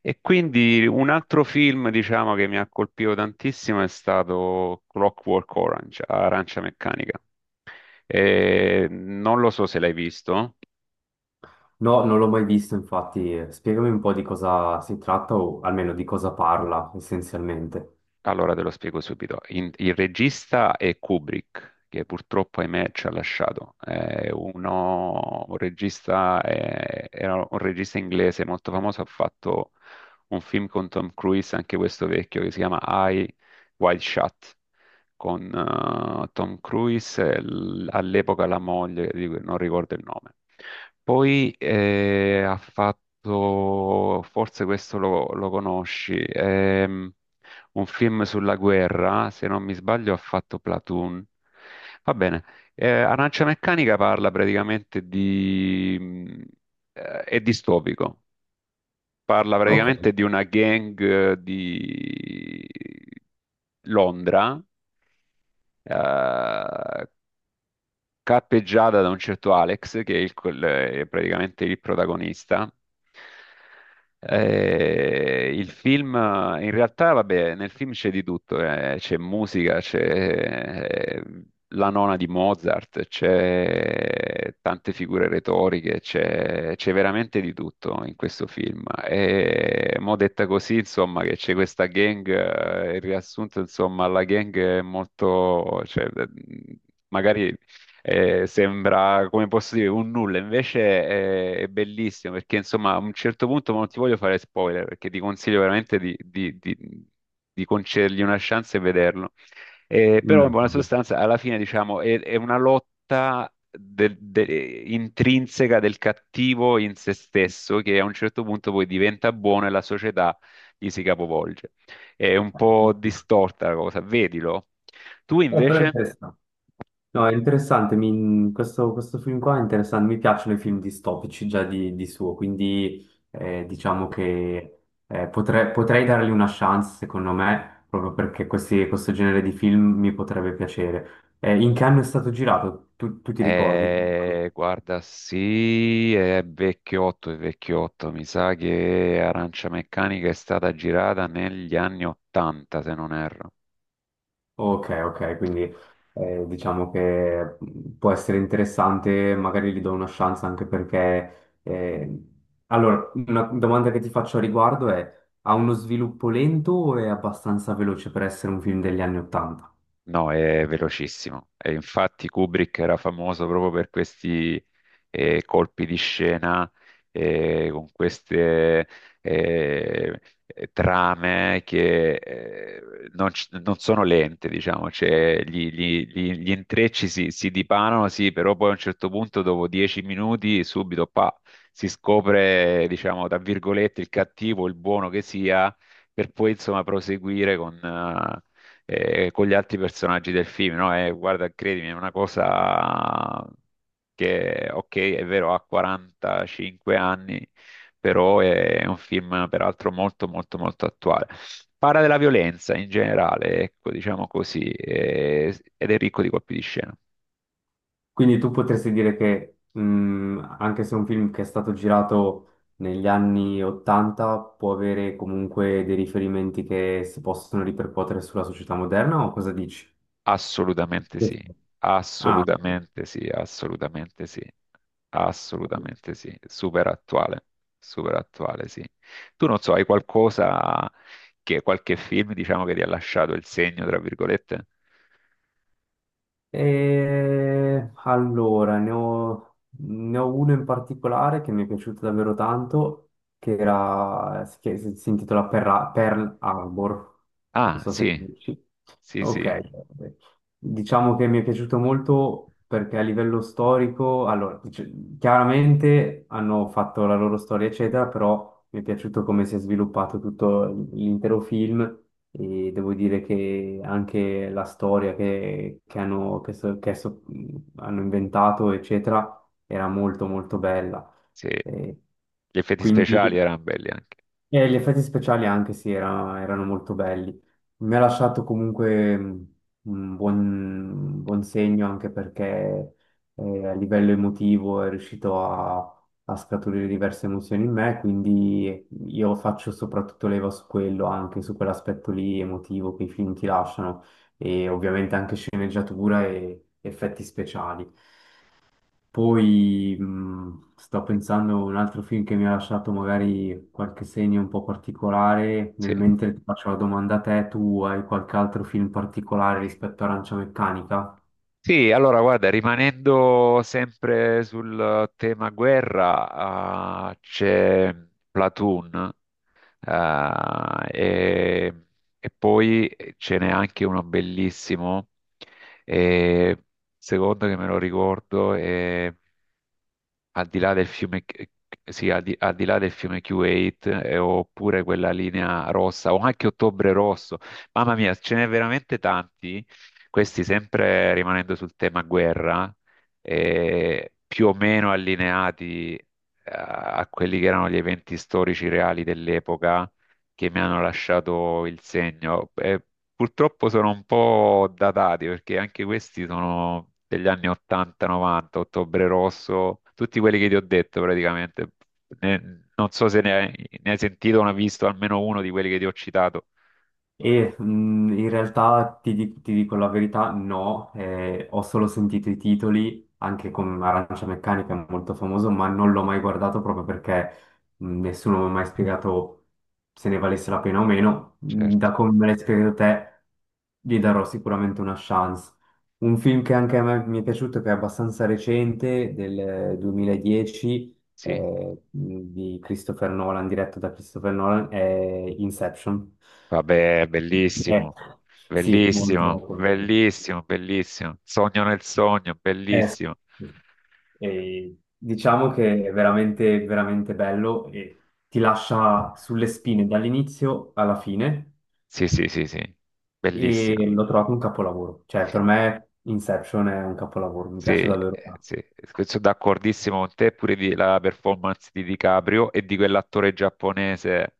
E quindi un altro film, diciamo, che mi ha colpito tantissimo è stato Clockwork Orange, Arancia Meccanica. E non lo so se l'hai visto, No, non l'ho mai visto, infatti. Spiegami un po' di cosa si tratta o almeno di cosa parla essenzialmente. allora te lo spiego subito. Il regista è Kubrick, che purtroppo, ahimè, ci ha lasciato. Un regista, era un regista inglese molto famoso, ha fatto un film con Tom Cruise, anche questo vecchio, che si chiama Eye Wild Shut. Con Tom Cruise e all'epoca la moglie, di cui non ricordo il nome. Poi ha fatto, forse questo lo conosci, un film sulla guerra, se non mi sbaglio ha fatto Platoon. Va bene, Arancia Meccanica parla praticamente di... è distopico, parla Ok. praticamente di una gang di Londra, eh, cappeggiata da un certo Alex, che è, è praticamente il protagonista. Il film, in realtà, vabbè, nel film c'è di tutto, c'è musica, c'è la nona di Mozart, c'è tante figure retoriche, c'è veramente di tutto in questo film. E mo detta così, insomma, che c'è questa gang, il riassunto, insomma, la gang è molto, cioè, magari sembra, come posso dire, un nulla, invece è bellissimo perché insomma a un certo punto ma non ti voglio fare spoiler perché ti consiglio veramente di concedergli una chance e vederlo. Però in Mm, buona va bene. sostanza alla fine diciamo è una lotta intrinseca del cattivo in se stesso che a un certo punto poi diventa buono e la società gli si capovolge. È un po' distorta la cosa, vedilo. Tu Però è invece? interessante. No, è interessante. Questo, questo film qua è interessante. Mi piacciono i film distopici già di suo, quindi diciamo che potrei, potrei dargli una chance, secondo me, proprio perché questo genere di film mi potrebbe piacere. In che anno è stato girato? Tu, tu ti ricordi? Guarda, sì, è vecchiotto, è vecchiotto. Mi sa che Arancia Meccanica è stata girata negli anni 80, se non erro. Ok, ok, quindi diciamo che può essere interessante, magari gli do una chance anche perché... Allora, una domanda che ti faccio a riguardo è, ha uno sviluppo lento o è abbastanza veloce per essere un film degli anni Ottanta? No, è velocissimo. E infatti Kubrick era famoso proprio per questi colpi di scena, con queste eh, trame che non, non sono lente, diciamo, cioè, gli intrecci si dipanano, sì, però poi a un certo punto, dopo 10 minuti, subito pa, si scopre, diciamo, tra virgolette, il cattivo, il buono che sia per poi insomma proseguire con gli altri personaggi del film, no? E guarda, credimi, è una cosa che, ok, è vero, ha 45 anni, però è un film peraltro molto, molto, molto attuale. Parla della violenza in generale, ecco, diciamo così, ed è ricco di colpi di scena. Quindi tu potresti dire che, anche se è un film che è stato girato negli anni Ottanta, può avere comunque dei riferimenti che si possono ripercuotere sulla società moderna o cosa dici? Assolutamente Sì. sì, Ah, assolutamente sì, assolutamente sì, ok. assolutamente sì, super attuale sì. Tu non so, hai qualcosa che qualche film diciamo che ti ha lasciato il segno, tra virgolette? E allora, ne ho uno in particolare che mi è piaciuto davvero tanto, che si intitola Pearl Harbor, non Ah, so se sì, conosci. sì, sì, Ok, diciamo che mi è piaciuto molto perché a livello storico, allora, chiaramente hanno fatto la loro storia, eccetera, però mi è piaciuto come si è sviluppato tutto l'intero film e devo dire che anche la storia che hanno, hanno inventato, eccetera, era molto molto bella. sì, Eh, gli effetti quindi speciali erano belli anche. e gli effetti speciali anche sì, erano molto belli. Mi ha lasciato comunque un buon, un buon segno anche perché a livello emotivo è riuscito a, a scaturire diverse emozioni in me, quindi io faccio soprattutto leva su quello, anche su quell'aspetto lì emotivo che i film ti lasciano e ovviamente anche sceneggiatura e effetti speciali. Poi sto pensando a un altro film che mi ha lasciato magari qualche segno un po' particolare, nel Sì. mentre ti faccio la domanda a te, tu hai qualche altro film particolare rispetto a Arancia Meccanica? Sì, allora guarda, rimanendo sempre sul tema guerra, ah, c'è Platoon. Eh, e, e poi ce n'è anche uno bellissimo, eh, secondo che me lo ricordo, al di là del fiume, sì, al di là del fiume Q8, oppure quella linea rossa, o anche Ottobre Rosso. Mamma mia, ce n'è veramente tanti. Questi, sempre rimanendo sul tema guerra, più o meno allineati, a quelli che erano gli eventi storici reali dell'epoca che mi hanno lasciato il segno. Purtroppo sono un po' datati perché anche questi sono degli anni 80-90, Ottobre Rosso, tutti quelli che ti ho detto praticamente. Ne- Non so se ne hai sentito o ne hai visto almeno uno di quelli che ti ho citato. E in realtà ti dico la verità, no, ho solo sentito i titoli, anche con Arancia Meccanica è molto famoso, ma non l'ho mai guardato proprio perché nessuno mi ha mai spiegato se ne valesse la pena o meno. Certo, Da come me l'hai spiegato te, gli darò sicuramente una chance. Un film che anche a me mi è piaciuto, che è abbastanza recente, del 2010, sì. Di Christopher Nolan, diretto da Christopher Nolan, è Inception. Vabbè, Eh, bellissimo, sì, molto. bellissimo, Folklore. bellissimo, bellissimo. Sogno nel sogno, Sì. bellissimo. Sì. E diciamo che è veramente, veramente bello e ti lascia sulle spine dall'inizio alla fine Sì, sì, sì, sì, bellissimo. e l'ho trovato un capolavoro. Cioè, per me Inception è un capolavoro, mi piace Sì, davvero tanto. sì, sono d'accordissimo con te, pure la performance di DiCaprio e di quell'attore giapponese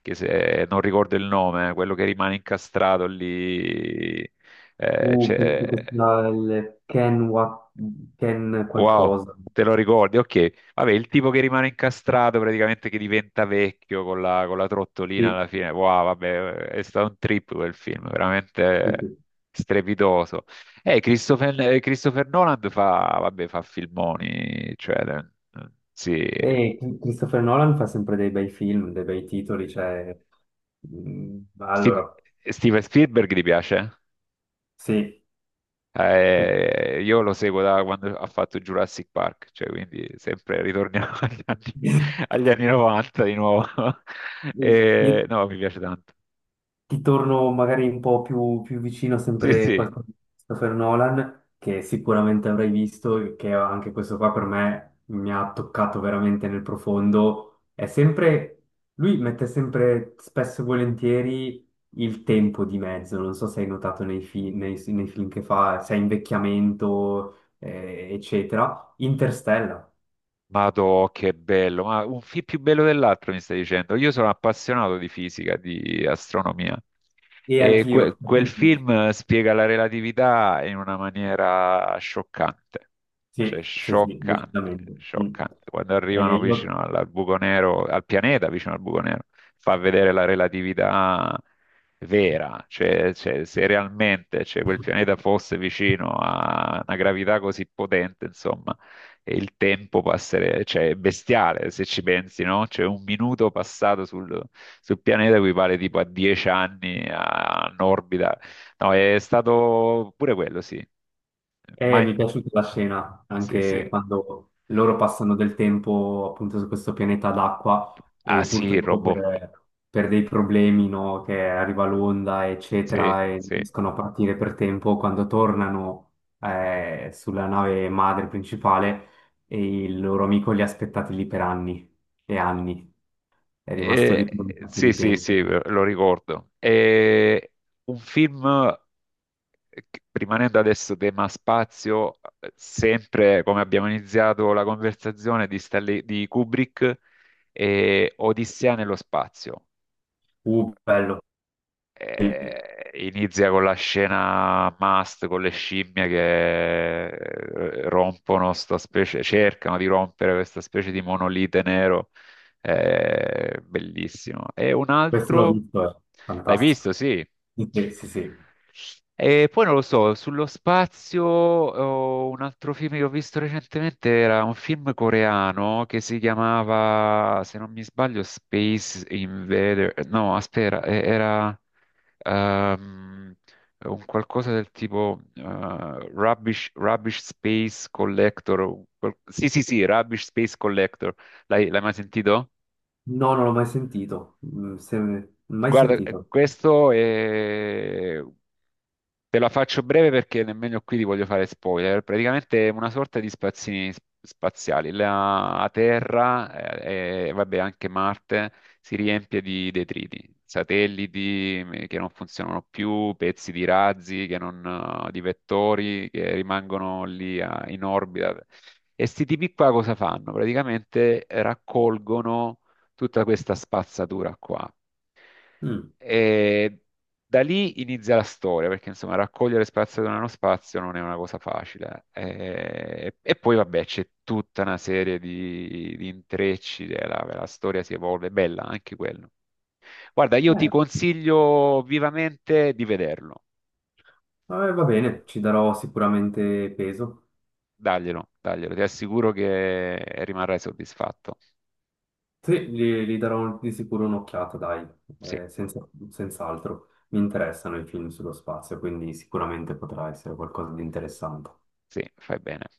che se non ricordo il nome, quello che rimane incastrato lì, eh, Penso che c'è- sia il Ken wow, qualcosa. te lo ricordi? Ok, vabbè, il tipo che rimane incastrato praticamente che diventa vecchio con con la trottolina Sì, alla fine. Wow, vabbè, è stato un trip quel film, sì, veramente sì. strepitoso. Christopher Nolan fa, vabbè, fa filmoni, cioè, sì. E Christopher Nolan fa sempre dei bei film, dei bei titoli, cioè... Mm, Steve- allora, Steven Spielberg ti piace? sì, sì. Io lo seguo da quando ha fatto Jurassic Park, cioè quindi sempre ritorniamo Io agli anni 90 di nuovo. io no, mi piace tanto. ti torno magari un po' più, più vicino, Sì, sempre sì, qualcosa di Christopher Nolan, che sicuramente avrai visto, e che anche questo qua per me mi ha toccato veramente nel profondo. È sempre, lui mette sempre spesso e volentieri il tempo di mezzo, non so se hai notato nei film che fa, se è invecchiamento, eccetera. Interstellar. madò, che bello, ma un film più bello dell'altro mi stai dicendo. Io sono appassionato di fisica, di astronomia E e anch'io. Quel film spiega la relatività in una maniera scioccante, Sì, cioè sì, sì, scioccante, decisamente. Mm. scioccante. Quando Eh, arrivano io- vicino al buco nero, al pianeta vicino al buco nero, fa vedere la relatività vera, cioè, cioè, se realmente cioè, quel pianeta fosse vicino a una gravità così potente, insomma e il tempo passere, cioè è bestiale se ci pensi, no? Cioè un minuto passato sul pianeta equivale tipo a 10 anni in orbita. No, è stato pure quello, sì. Mi è Mind- piaciuta la scena, Sì, sì. anche quando loro passano del tempo appunto su questo pianeta d'acqua Ah e sì, il purtroppo robot. Per dei problemi, no, che arriva l'onda, Sì, eccetera, e non sì. riescono a partire per tempo, quando tornano sulla nave madre principale e il loro amico li ha aspettati lì per anni e anni, è rimasto Eh, lì per un sacco sì, di sì, sì, tempo. lo ricordo. È un film. Rimanendo adesso tema spazio, sempre come abbiamo iniziato la conversazione di, di Kubrick, e Odissea nello spazio. Bello. Sì. Inizia con la scena must con le scimmie che rompono sta specie, cercano di rompere questa specie di monolite nero. Bellissimo. E un Questo l'ho altro, visto, è l'hai visto, fantastico. sì. Sì, sì, sì. E poi non lo so, sullo spazio, oh, un altro film che ho visto recentemente era un film coreano che si chiamava, se non mi sbaglio, Space Invader. No, aspetta, era ehm, un qualcosa del tipo rubbish, rubbish Space Collector. Sì, sì, sì, Rubbish Space Collector. L'hai mai sentito? No, non l'ho mai sentito. Mm, mai Guarda, sentito. questo è... Te la faccio breve perché nemmeno qui ti voglio fare spoiler. Praticamente è una sorta di spazzini spaziali. La Terra vabbè, anche Marte si riempie di detriti, satelliti che non funzionano più, pezzi di razzi, che non, di vettori che rimangono lì in orbita. E sti tipi qua cosa fanno? Praticamente raccolgono tutta questa spazzatura qua. Mm. E da lì inizia la storia, perché insomma raccogliere spazio da uno spazio non è una cosa facile. Poi vabbè c'è tutta una serie di intrecci, storia si evolve, bella anche quello. Guarda, io ti Eh, consiglio vivamente di vederlo, vabbè, va bene, ci darò sicuramente peso. daglielo, daglielo, ti assicuro che rimarrai soddisfatto. Sì, gli darò di sicuro un'occhiata, dai, Sì, senz'altro. Mi interessano i film sullo spazio, quindi sicuramente potrà essere qualcosa di interessante. sì, fai bene.